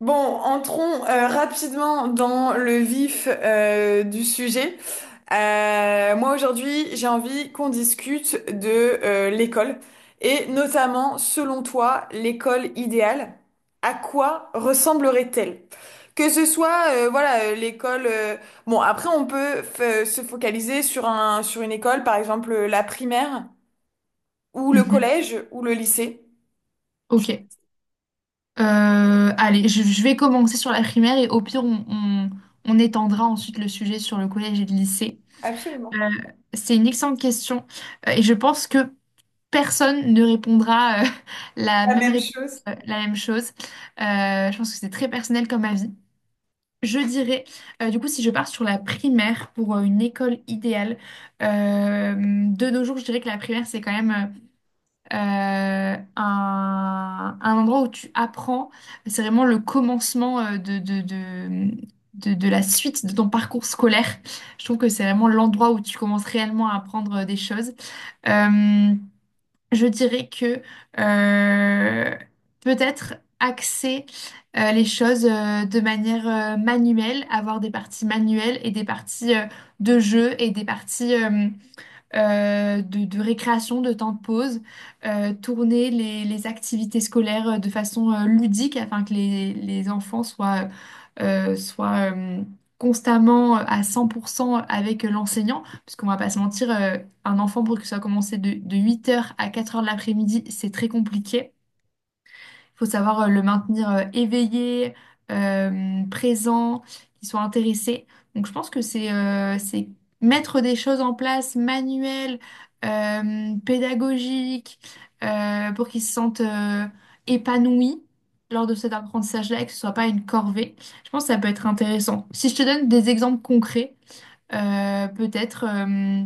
Bon, entrons rapidement dans le vif du sujet. Moi aujourd'hui, j'ai envie qu'on discute de l'école et notamment, selon toi, l'école idéale, à quoi ressemblerait-elle? Que ce soit, voilà, l'école. Bon, après, on peut se focaliser sur une école, par exemple la primaire ou le Mhm. collège ou le lycée. Ok. Allez, je vais commencer sur la primaire et au pire, on étendra ensuite le sujet sur le collège et le lycée. Euh, Absolument. c'est une excellente question et je pense que personne ne répondra la La même même réponse, chose. La même chose. Je pense que c'est très personnel comme avis. Je dirais, du coup, si je pars sur la primaire pour une école idéale, de nos jours, je dirais que la primaire, c'est quand même... un endroit où tu apprends. C'est vraiment le commencement de la suite de ton parcours scolaire. Je trouve que c'est vraiment l'endroit où tu commences réellement à apprendre des choses. Euh, je dirais que euh, peut-être axer les choses de manière manuelle, avoir des parties manuelles et des parties de jeu et des parties de récréation, de temps de pause, tourner les activités scolaires de façon ludique afin que les enfants soient constamment à 100% avec l'enseignant, parce qu'on va pas se mentir. Un enfant pour que ça soit commencé de huit heures à quatre heures de l'après-midi, c'est très compliqué. Faut savoir le maintenir éveillé, présent, qu'il soit intéressé. Donc je pense que c'est mettre des choses en place manuelles, pédagogiques, pour qu'ils se sentent épanouis lors de cet apprentissage-là et que ce soit pas une corvée. Je pense que ça peut être intéressant. Si je te donne des exemples concrets, peut-être. euh,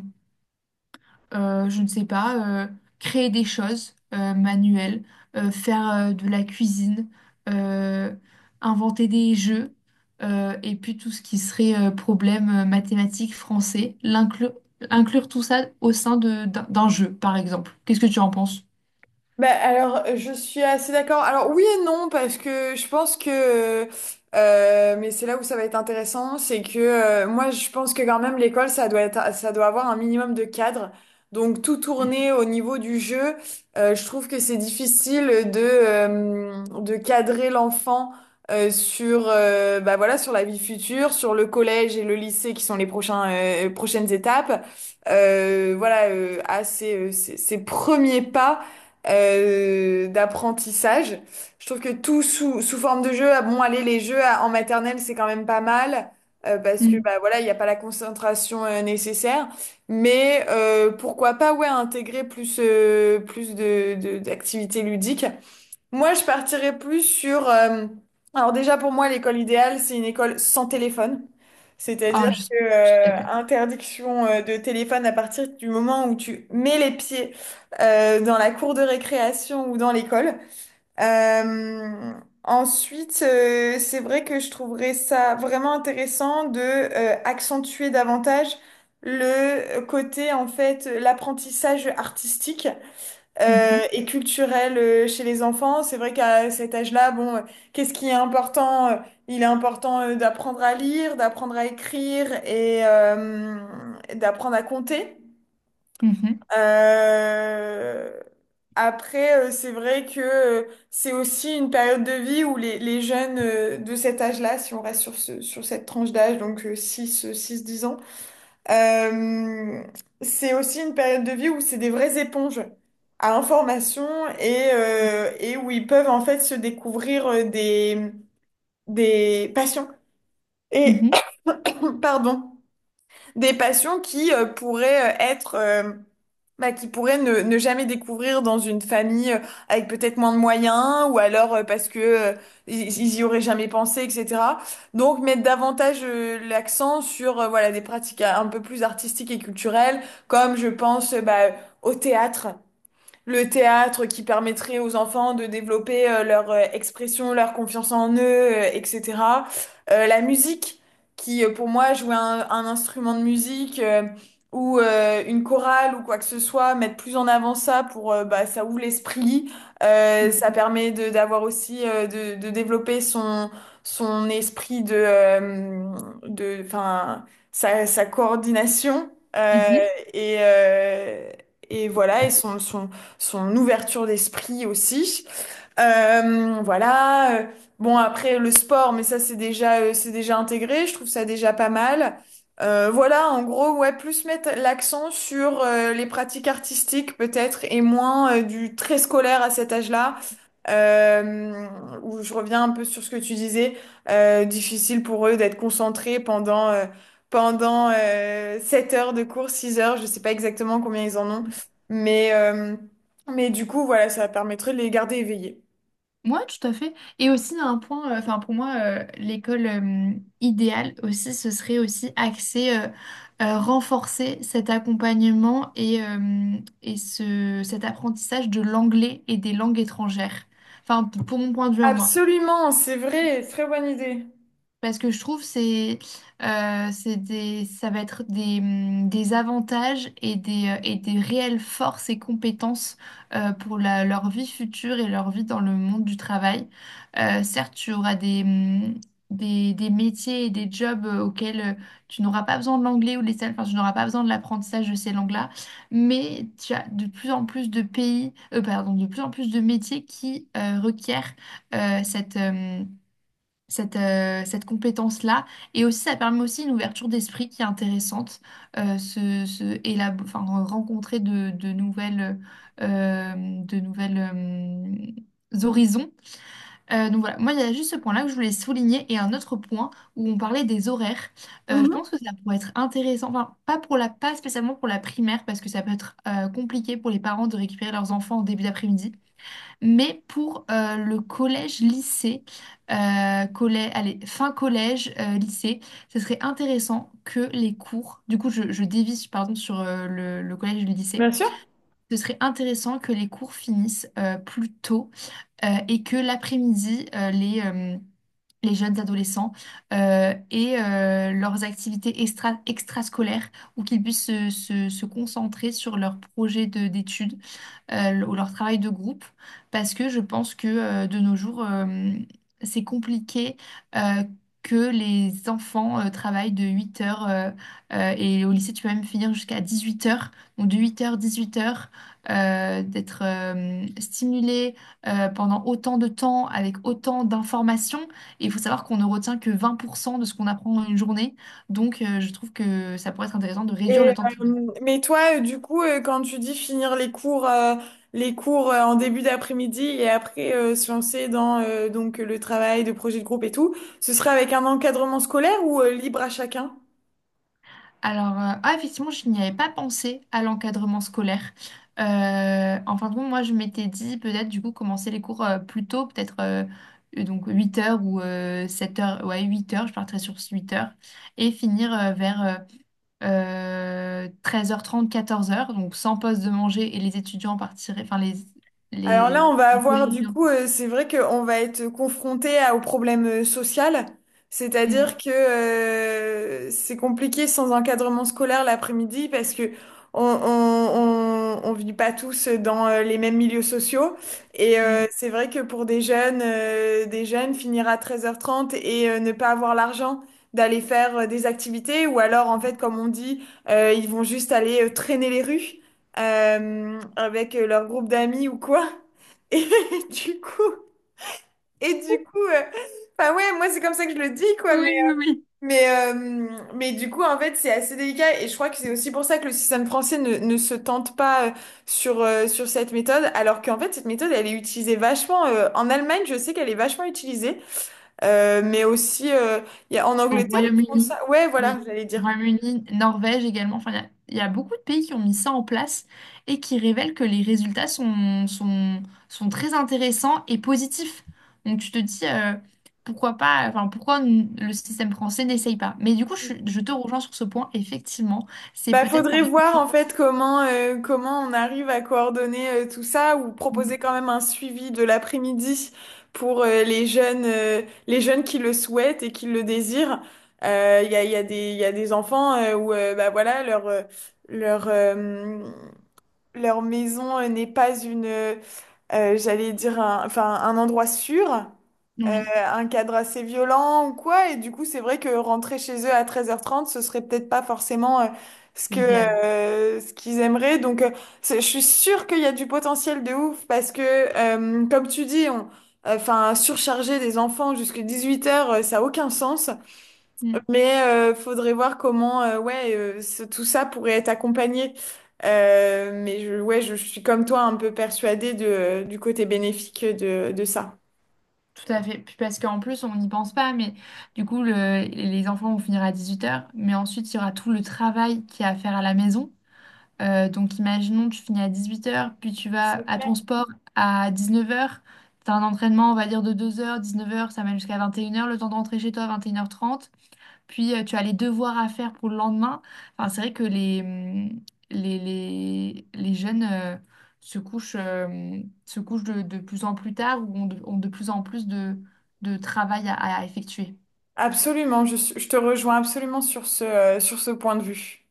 euh, Je ne sais pas, créer des choses manuelles, faire de la cuisine, euh, inventer des jeux, et puis tout ce qui serait problème mathématique français, l'inclure, inclure tout ça au sein d'un d'un jeu, par exemple. Qu'est-ce que tu en penses? Bah, alors, je suis assez d'accord. Alors, oui et non, parce que je pense que... mais c'est là où ça va être intéressant, c'est que moi, je pense que quand même, l'école, ça doit avoir un minimum de cadre. Donc, tout Mm. tourner au niveau du jeu, je trouve que c'est difficile de cadrer l'enfant sur, bah, voilà, sur la vie future, sur le collège et le lycée qui sont les prochaines étapes. Voilà, à ses premiers pas d'apprentissage. Je trouve que tout sous forme de jeu, ah bon, allez, les jeux ah, en maternelle, c'est quand même pas mal, parce que Mm. bah, voilà, il n'y a pas la concentration nécessaire. Mais pourquoi pas ouais, intégrer plus d'activités ludiques. Moi, je partirais plus sur... alors déjà, pour moi, l'école idéale, c'est une école sans téléphone. C'est-à-dire Ah, je que suis d'accord. interdiction de téléphone à partir du moment où tu mets les pieds dans la cour de récréation ou dans l'école. Euh, ensuite, c'est vrai que je trouverais ça vraiment intéressant de accentuer davantage le côté, en fait, l'apprentissage artistique Mhm. et culturel chez les enfants. C'est vrai qu'à cet âge-là, bon, qu'est-ce qui est important? Il est important d'apprendre à lire, d'apprendre à écrire et d'apprendre à compter. Mhm. Euh, Après, c'est vrai que c'est aussi une période de vie où les jeunes de cet âge-là, si on reste sur ce, sur cette tranche d'âge, donc 6 10 ans, euh, c'est aussi une période de vie où c'est des vraies éponges à information et où ils peuvent en fait se découvrir des passions. Et, Mhm. pardon, des passions qui pourraient être bah, qui pourraient ne jamais découvrir dans une famille avec peut-être moins de moyens ou alors parce que ils y auraient jamais pensé, etc. Donc mettre davantage l'accent sur voilà des pratiques un peu plus artistiques et culturelles, comme je pense bah, au théâtre le théâtre qui permettrait aux enfants de développer leur expression, leur confiance en eux, etc. La musique, qui pour moi jouer un instrument de musique ou une chorale ou quoi que ce soit, mettre plus en avant ça pour bah, ça ouvre l'esprit. Ça Mhm. permet de d'avoir aussi de développer son esprit de enfin sa coordination euh, Mhm. et euh, et voilà et son ouverture d'esprit aussi. Voilà. Bon, après, le sport, mais ça, c'est déjà intégré. Je trouve ça déjà pas mal. Voilà, en gros, ouais, plus mettre l'accent sur les pratiques artistiques, peut-être, et moins du très scolaire à cet âge-là. Euh, où je reviens un peu sur ce que tu disais, difficile pour eux d'être concentrés pendant 7 heures de cours, 6 heures, je sais pas exactement combien ils en ont, mais, euh, mais du coup, voilà, ça permettrait de les garder éveillés. Moi, tout à fait. Et aussi, il y a un point, enfin pour moi, l'école idéale aussi, ce serait aussi axer, renforcer cet accompagnement et cet apprentissage de l'anglais et des langues étrangères. Enfin, pour mon point de vue, moi. Absolument, c'est vrai, très bonne idée. Parce que je trouve c'est des ça va être des avantages et des réelles forces et compétences pour leur vie future et leur vie dans le monde du travail. Certes, tu auras des, des métiers et des jobs auxquels tu n'auras pas besoin de l'anglais ou les salles enfin, tu n'auras pas besoin de l'apprentissage de ces langues-là, mais tu as de plus en plus de pays, pardon, de plus en plus de métiers qui requièrent euh, cette, euh, cette compétence-là. Et aussi, ça permet aussi une ouverture d'esprit qui est intéressante, enfin, rencontrer de nouvelles, euh, de nouvelles horizons. Donc voilà, moi, il y a juste ce point-là que je voulais souligner et un autre point où on parlait des horaires. Je Mhm, pense que ça pourrait être intéressant, enfin, pas pour la, pas spécialement pour la primaire, parce que ça peut être compliqué pour les parents de récupérer leurs enfants au début d'après-midi. Mais pour le collège-lycée, euh, allez, fin collège, lycée, ce serait intéressant que les cours, du coup je dévisse pardon, sur le collège et le lycée, bien sûr. ce serait intéressant que les cours finissent plus tôt et que l'après-midi, les jeunes adolescents aient leurs activités extrascolaires ou qu'ils puissent se concentrer sur leurs projets d'études, ou leur travail de groupe, parce que je pense que de nos jours, c'est compliqué euh, que les enfants travaillent de 8 heures, et au lycée, tu peux même finir jusqu'à 18 heures, donc de 8 heures, huit heures, d'être stimulé pendant autant de temps, avec autant d'informations. Et il faut savoir qu'on ne retient que 20% de ce qu'on apprend en une journée, donc je trouve que ça pourrait être intéressant de réduire Et le temps de travail. Mais toi, du coup, quand tu dis finir les cours, en début d'après-midi et après se lancer dans donc le travail de projet de groupe et tout, ce serait avec un encadrement scolaire ou libre à chacun? Alors, ah, effectivement, je n'y avais pas pensé à l'encadrement scolaire. En fin de compte, moi, je m'étais dit peut-être, du coup, commencer les cours plus tôt, peut-être, donc huit heures ou 7 heures, ouais, 8 heures, je partirais sur 8 heures, et finir vers treize heures trente, quatorze heures. Donc sans pause de manger, et les étudiants partiraient, enfin, Alors là, on va les avoir du collégiens. coup, c'est vrai qu'on va être confronté au problème social, Mm, c'est-à-dire que c'est compliqué sans encadrement scolaire l'après-midi parce que on vit pas tous dans les mêmes milieux sociaux et mm, c'est vrai que pour des jeunes finir à 13h30 et ne pas avoir l'argent d'aller faire des activités ou alors en mm. fait, comme on dit, ils vont juste aller traîner les rues avec leur groupe d'amis ou quoi. Et du coup, et du coup, euh, enfin ouais, moi c'est comme ça que je le dis quoi, mais Oui, oui. mais euh, mais du coup en fait c'est assez délicat et je crois que c'est aussi pour ça que le système français ne se tente pas sur cette méthode, alors qu'en fait cette méthode elle est utilisée vachement en Allemagne, je sais qu'elle est vachement utilisée, mais aussi il y a, en Au Angleterre ils font Royaume-Uni, ça, ouais voilà oui. j'allais dire. Royaume-Uni, Norvège également. Enfin, il y a beaucoup de pays qui ont mis ça en place et qui révèlent que les résultats sont très intéressants et positifs. Donc tu te dis pourquoi pas, enfin pourquoi le système français n'essaye pas. Mais du coup, je te rejoins sur ce point. Effectivement, c'est Bah, peut-être par faudrait voir en rapport. fait comment on arrive à coordonner tout ça ou proposer quand même un suivi de l'après-midi pour les jeunes qui le souhaitent et qui le désirent. Il y a des il y a des enfants où bah voilà leur euh, leur maison n'est pas une j'allais dire un, enfin un endroit sûr euh, Oui, un cadre assez violent ou quoi. Et du coup, c'est vrai que rentrer chez eux à 13h30, ce serait peut-être pas forcément ce que, l'idéal. Ce qu'ils aimeraient. Donc, je suis sûre qu'il y a du potentiel de ouf parce que, comme tu dis, enfin, surcharger des enfants jusqu'à 18h, ça a aucun sens. Mm. Mais faudrait voir ouais, tout ça pourrait être accompagné. Mais ouais, je suis comme toi un peu persuadée de, du côté bénéfique de ça. Tout à fait. Puis parce qu'en plus, on n'y pense pas, mais du coup, les enfants vont finir à dix-huit heures, mais ensuite, il y aura tout le travail qu'il y a à faire à la maison. Donc imaginons, tu finis à 18 heures, puis tu vas à ton sport à 19 heures. Tu as un entraînement, on va dire, de 2 h, 19 heures, ça mène jusqu'à 21 heures le temps de rentrer chez toi à 21 h 30. Puis tu as les devoirs à faire pour le lendemain. Enfin, c'est vrai que les jeunes se couchent de plus en plus tard ou ont ont de plus en plus de travail à effectuer. Absolument, je te rejoins absolument sur ce point de vue.